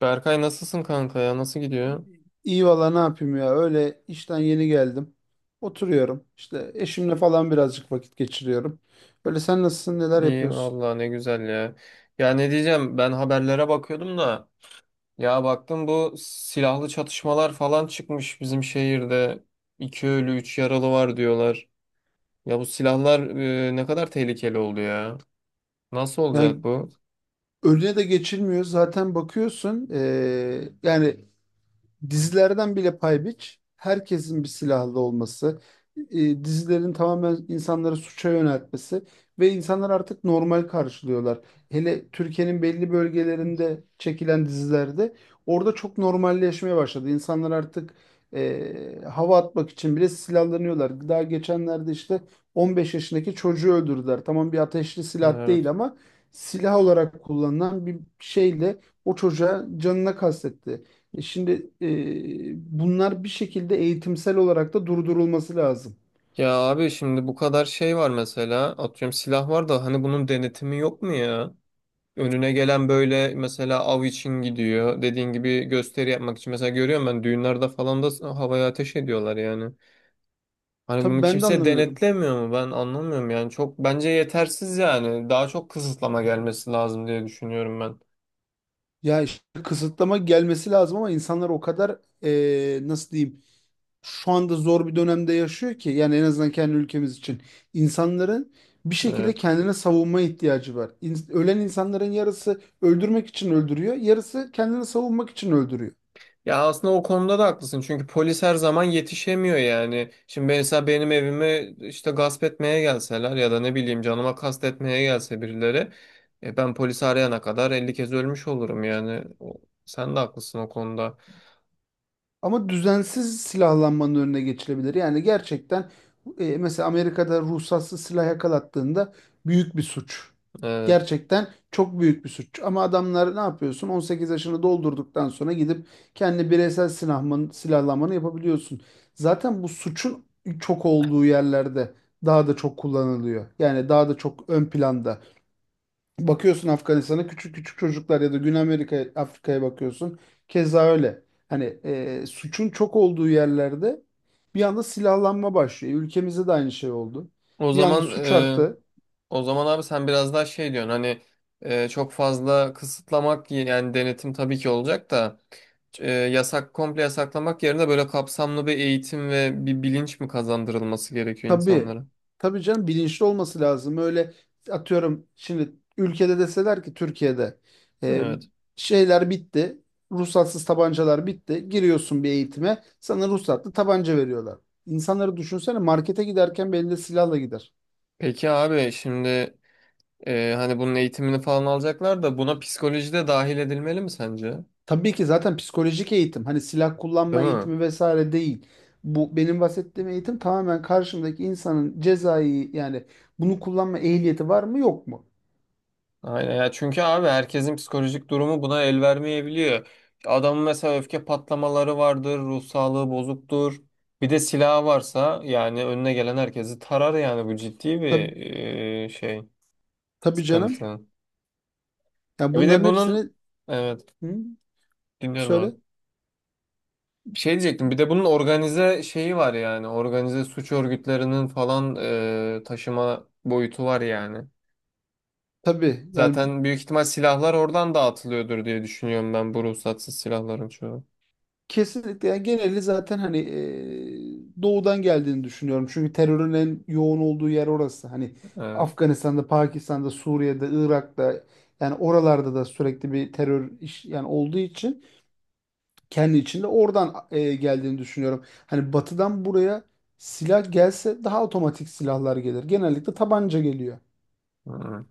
Berkay, nasılsın kanka ya? Nasıl gidiyor? İyi valla ne yapayım ya, öyle işten yeni geldim. Oturuyorum işte, eşimle falan birazcık vakit geçiriyorum. Öyle, sen nasılsın, neler İyi yapıyorsun? valla, ne güzel ya. Ya ne diyeceğim, ben haberlere bakıyordum da ya baktım, bu silahlı çatışmalar falan çıkmış bizim şehirde. İki ölü üç yaralı var diyorlar. Ya bu silahlar ne kadar tehlikeli oldu ya. Nasıl Yani olacak bu? önüne de geçilmiyor. Zaten bakıyorsun yani dizilerden bile pay biç. Herkesin bir silahlı olması, dizilerin tamamen insanları suça yöneltmesi ve insanlar artık normal karşılıyorlar. Hele Türkiye'nin belli bölgelerinde çekilen dizilerde orada çok normalleşmeye başladı. İnsanlar artık hava atmak için bile silahlanıyorlar. Daha geçenlerde işte 15 yaşındaki çocuğu öldürdüler. Tamam, bir ateşli silah değil Evet. ama silah olarak kullanılan bir şeyle o çocuğa, canına kastetti. Şimdi bunlar bir şekilde eğitimsel olarak da durdurulması lazım. Ya abi, şimdi bu kadar şey var, mesela atıyorum silah var da hani bunun denetimi yok mu ya? Önüne gelen böyle mesela av için gidiyor. Dediğin gibi gösteri yapmak için. Mesela görüyorum, ben düğünlerde falan da havaya ateş ediyorlar yani. Hani bunu Tabii, ben de kimse anlamıyorum. denetlemiyor mu? Ben anlamıyorum yani. Çok bence yetersiz yani. Daha çok kısıtlama gelmesi lazım diye düşünüyorum ben. Ya işte kısıtlama gelmesi lazım, ama insanlar o kadar nasıl diyeyim, şu anda zor bir dönemde yaşıyor ki, yani en azından kendi ülkemiz için insanların bir şekilde Evet. kendine savunma ihtiyacı var. Ölen insanların yarısı öldürmek için öldürüyor, yarısı kendini savunmak için öldürüyor. Ya aslında o konuda da haklısın, çünkü polis her zaman yetişemiyor yani. Şimdi mesela benim evime işte gasp etmeye gelseler ya da ne bileyim canıma kastetmeye gelse birileri ben polisi arayana kadar 50 kez ölmüş olurum yani. Sen de haklısın o konuda. Ama düzensiz silahlanmanın önüne geçilebilir. Yani gerçekten mesela Amerika'da ruhsatsız silah yakalattığında büyük bir suç. Evet. Gerçekten çok büyük bir suç. Ama adamlar ne yapıyorsun? 18 yaşını doldurduktan sonra gidip kendi silahlanmanı yapabiliyorsun. Zaten bu suçun çok olduğu yerlerde daha da çok kullanılıyor. Yani daha da çok ön planda. Bakıyorsun Afganistan'a, küçük küçük çocuklar, ya da Güney Amerika, Afrika'ya bakıyorsun. Keza öyle. Hani suçun çok olduğu yerlerde bir anda silahlanma başlıyor. Ülkemizde de aynı şey oldu. O Bir anda zaman suç e, arttı. O zaman abi, sen biraz daha şey diyorsun, hani çok fazla kısıtlamak, yani denetim tabii ki olacak da yasak, komple yasaklamak yerine böyle kapsamlı bir eğitim ve bir bilinç mi kazandırılması gerekiyor Tabii. insanlara? Tabii canım, bilinçli olması lazım. Öyle, atıyorum şimdi ülkede deseler ki Türkiye'de e, Evet. şeyler bitti. Ruhsatsız tabancalar bitti. Giriyorsun bir eğitime. Sana ruhsatlı tabanca veriyorlar. İnsanları düşünsene, markete giderken belinde silahla gider. Peki abi, şimdi hani bunun eğitimini falan alacaklar da buna psikoloji de dahil edilmeli mi sence? Tabii ki, zaten psikolojik eğitim, hani silah Değil kullanma mi? eğitimi vesaire değil. Bu benim bahsettiğim eğitim tamamen karşımdaki insanın cezai, yani bunu kullanma ehliyeti var mı, yok mu? Aynen ya, çünkü abi herkesin psikolojik durumu buna el vermeyebiliyor. Adamın mesela öfke patlamaları vardır, ruh sağlığı bozuktur. Bir de silahı varsa yani önüne gelen herkesi tarar, yani bu ciddi bir Tabii, e, şey tabii canım. sıkıntı. Yani Bir de bunların bunun hepsini evet, hı, dinliyorum abi. söyle. Şey diyecektim, bir de bunun organize şeyi var, yani organize suç örgütlerinin falan taşıma boyutu var yani. Tabii yani, Zaten büyük ihtimal silahlar oradan dağıtılıyordur diye düşünüyorum ben, bu ruhsatsız silahların çoğu. kesinlikle. Yani geneli zaten hani doğudan geldiğini düşünüyorum. Çünkü terörün en yoğun olduğu yer orası. Hani Evet. Afganistan'da, Pakistan'da, Suriye'de, Irak'ta, yani oralarda da sürekli bir terör iş, yani olduğu için kendi içinde oradan geldiğini düşünüyorum. Hani batıdan buraya silah gelse daha otomatik silahlar gelir. Genellikle tabanca geliyor. Hı.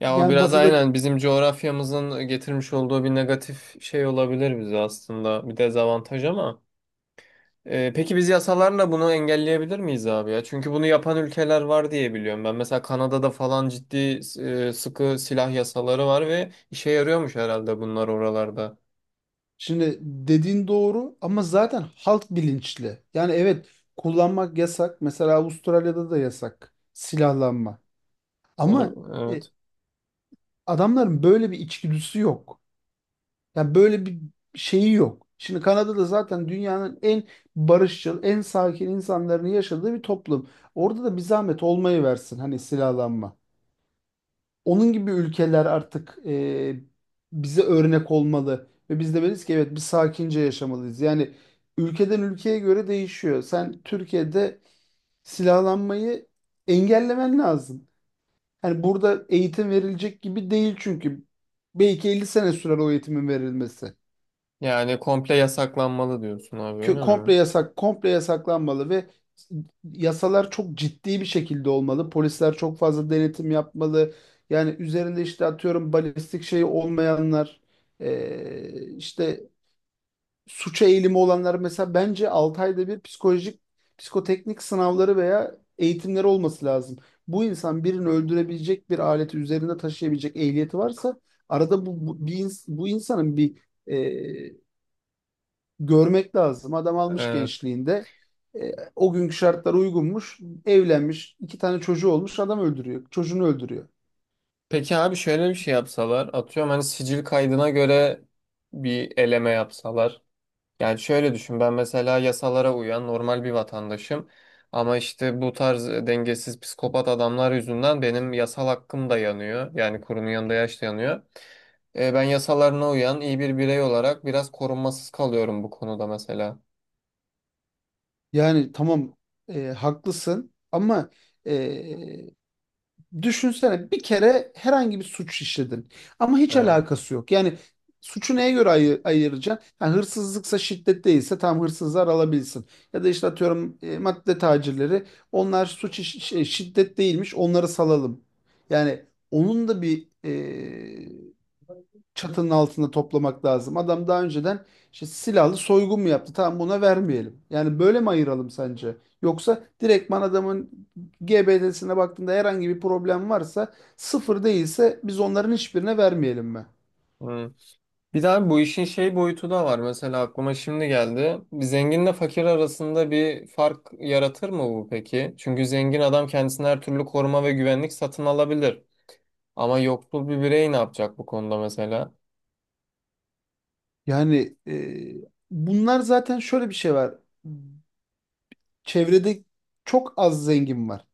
Ya o Yani biraz batıda aynen bizim coğrafyamızın getirmiş olduğu bir negatif şey olabilir, bize aslında bir dezavantaj ama. Peki biz yasalarla bunu engelleyebilir miyiz abi ya? Çünkü bunu yapan ülkeler var diye biliyorum ben. Mesela Kanada'da falan ciddi sıkı silah yasaları var ve işe yarıyormuş herhalde bunlar oralarda. şimdi dediğin doğru, ama zaten halk bilinçli. Yani evet, kullanmak yasak. Mesela Avustralya'da da yasak silahlanma. Ama Onu e, evet. adamların böyle bir içgüdüsü yok. Yani böyle bir şeyi yok. Şimdi Kanada'da zaten dünyanın en barışçıl, en sakin insanların yaşadığı bir toplum. Orada da bir zahmet olmayı versin hani silahlanma. Onun gibi ülkeler artık bize örnek olmalı ve biz demeliyiz ki evet, biz sakince yaşamalıyız. Yani ülkeden ülkeye göre değişiyor. Sen Türkiye'de silahlanmayı engellemen lazım. Hani burada eğitim verilecek gibi değil, çünkü belki 50 sene sürer o eğitimin verilmesi. Yani komple yasaklanmalı diyorsun abi, öyle Komple mi? yasak, komple yasaklanmalı ve yasalar çok ciddi bir şekilde olmalı. Polisler çok fazla denetim yapmalı. Yani üzerinde işte atıyorum balistik şeyi olmayanlar, işte suça eğilimi olanlar mesela, bence 6 ayda bir psikolojik, psikoteknik sınavları veya eğitimleri olması lazım. Bu insan birini öldürebilecek bir aleti üzerinde taşıyabilecek ehliyeti varsa, arada bir bu insanın bir e, görmek lazım. Adam almış Evet. gençliğinde o günkü şartlara uygunmuş, evlenmiş, iki tane çocuğu olmuş, adam öldürüyor, çocuğunu öldürüyor. Peki abi, şöyle bir şey yapsalar, atıyorum hani sicil kaydına göre bir eleme yapsalar. Yani şöyle düşün, ben mesela yasalara uyan normal bir vatandaşım, ama işte bu tarz dengesiz psikopat adamlar yüzünden benim yasal hakkım da yanıyor. Yani kurunun yanında yaş da yanıyor. Ben yasalarına uyan iyi bir birey olarak biraz korunmasız kalıyorum bu konuda mesela. Yani tamam, haklısın, ama e, düşünsene, bir kere herhangi bir suç işledin ama hiç Evet. alakası yok. Yani suçu neye göre ayıracaksın? Yani hırsızlıksa, şiddet değilse, tam hırsızlar alabilsin. Ya da işte atıyorum madde tacirleri, onlar suç şiddet değilmiş, onları salalım. Yani onun da bir çatının altında toplamak lazım. Adam daha önceden işte silahlı soygun mu yaptı? Tamam, buna vermeyelim. Yani böyle mi ayıralım sence? Yoksa direktman adamın GBD'sine baktığında herhangi bir problem varsa, sıfır değilse, biz onların hiçbirine vermeyelim mi? Hmm. Bir daha bu işin şey boyutu da var, mesela aklıma şimdi geldi. Zenginle fakir arasında bir fark yaratır mı bu peki? Çünkü zengin adam kendisine her türlü koruma ve güvenlik satın alabilir. Ama yoksul bir birey ne yapacak bu konuda mesela? Yani bunlar zaten şöyle bir şey var. Çevrede çok az zengin var.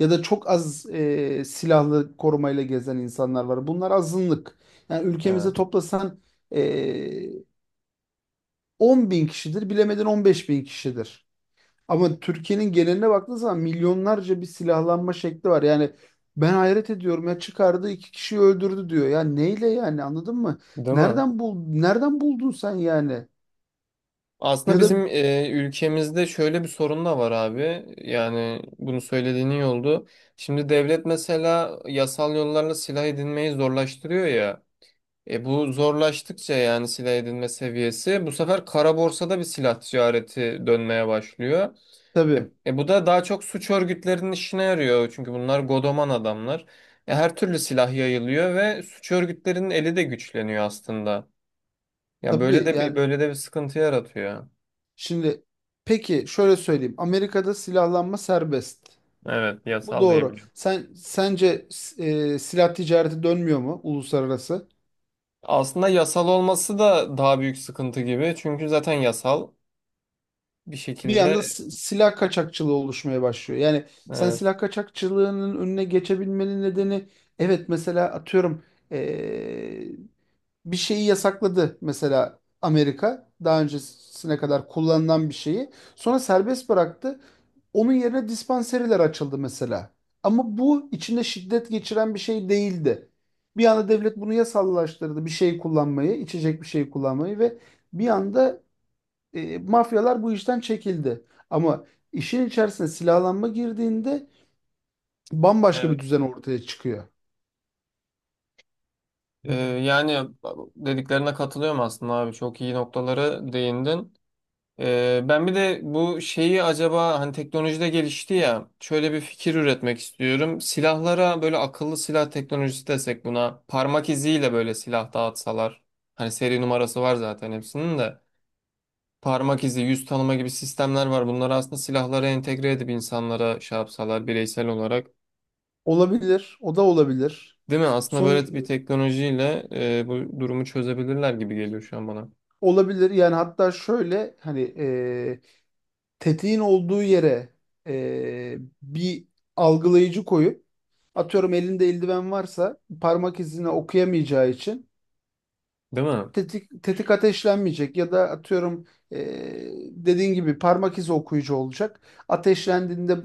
Ya da çok az silahlı korumayla gezen insanlar var. Bunlar azınlık. Yani Ha. ülkemize toplasan e, 10 bin kişidir, bilemedin 15 bin kişidir. Ama Türkiye'nin geneline baktığın zaman milyonlarca bir silahlanma şekli var. Yani ben hayret ediyorum ya, çıkardı iki kişiyi öldürdü diyor. Ya neyle, yani anladın mı? Değil mi? Nereden buldun sen yani? Aslında Ya da bizim ülkemizde şöyle bir sorun da var abi. Yani bunu söylediğin iyi oldu. Şimdi devlet mesela yasal yollarla silah edinmeyi zorlaştırıyor ya. E bu zorlaştıkça yani silah edinme seviyesi, bu sefer kara borsada bir silah ticareti dönmeye başlıyor. E, Tabii, e bu da daha çok suç örgütlerinin işine yarıyor. Çünkü bunlar godoman adamlar. Her türlü silah yayılıyor ve suç örgütlerinin eli de güçleniyor aslında. Ya tabii. Yani böyle de bir sıkıntı yaratıyor. şimdi, peki şöyle söyleyeyim. Amerika'da silahlanma serbest. Evet, Bu yasal doğru. diyebiliyorum. Sen sence silah ticareti dönmüyor mu uluslararası? Aslında yasal olması da daha büyük sıkıntı gibi. Çünkü zaten yasal bir Bir anda şekilde silah kaçakçılığı oluşmaya başlıyor. Yani sen evet. silah kaçakçılığının önüne geçebilmenin nedeni, evet mesela atıyorum eee, bir şeyi yasakladı, mesela Amerika daha öncesine kadar kullanılan bir şeyi sonra serbest bıraktı. Onun yerine dispanseriler açıldı mesela. Ama bu içinde şiddet geçiren bir şey değildi. Bir anda devlet bunu yasallaştırdı, bir şey kullanmayı, içecek bir şey kullanmayı, ve bir anda mafyalar bu işten çekildi. Ama işin içerisine silahlanma girdiğinde bambaşka bir Evet. düzen ortaya çıkıyor. Yani dediklerine katılıyorum aslında abi. Çok iyi noktalara değindin. Ben bir de bu şeyi, acaba hani teknolojide gelişti ya, şöyle bir fikir üretmek istiyorum. Silahlara böyle akıllı silah teknolojisi desek, buna parmak iziyle böyle silah dağıtsalar. Hani seri numarası var zaten hepsinin de. Parmak izi, yüz tanıma gibi sistemler var. Bunları aslında silahlara entegre edip insanlara şey yapsalar bireysel olarak. Olabilir, o da olabilir. Değil mi? Aslında Sonuç böyle bir teknolojiyle bu durumu çözebilirler gibi geliyor şu an bana. olabilir yani, hatta şöyle, hani tetiğin olduğu yere e, bir algılayıcı koyup, atıyorum elinde eldiven varsa parmak izini okuyamayacağı için Değil mi? Tetik ateşlenmeyecek, ya da atıyorum dediğin gibi parmak izi okuyucu olacak. Ateşlendiğinde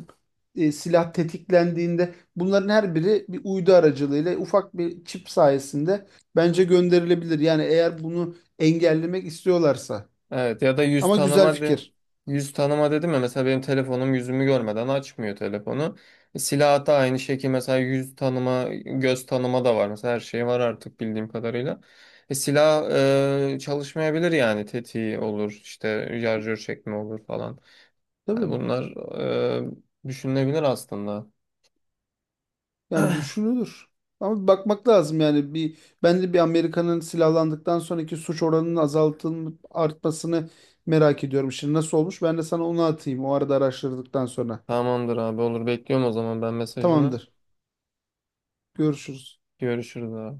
silah tetiklendiğinde, bunların her biri bir uydu aracılığıyla ufak bir çip sayesinde bence gönderilebilir. Yani eğer bunu engellemek istiyorlarsa. Evet ya da Ama güzel fikir. yüz tanıma dedim ya, mesela benim telefonum yüzümü görmeden açmıyor telefonu. Silah da aynı şekilde, mesela yüz tanıma, göz tanıma da var. Mesela her şey var artık bildiğim kadarıyla. Silah çalışmayabilir, yani tetiği olur işte, şarjör çekme olur falan. Hani Tabii. bunlar düşünülebilir aslında. Yani düşünülür. Ama bir bakmak lazım yani. Bir bence bir Amerika'nın silahlandıktan sonraki suç oranının azaltılması, artmasını merak ediyorum. Şimdi nasıl olmuş? Ben de sana onu atayım o arada, araştırdıktan sonra. Tamamdır abi, olur, bekliyorum o zaman ben mesajını. Tamamdır. Görüşürüz. Görüşürüz abi.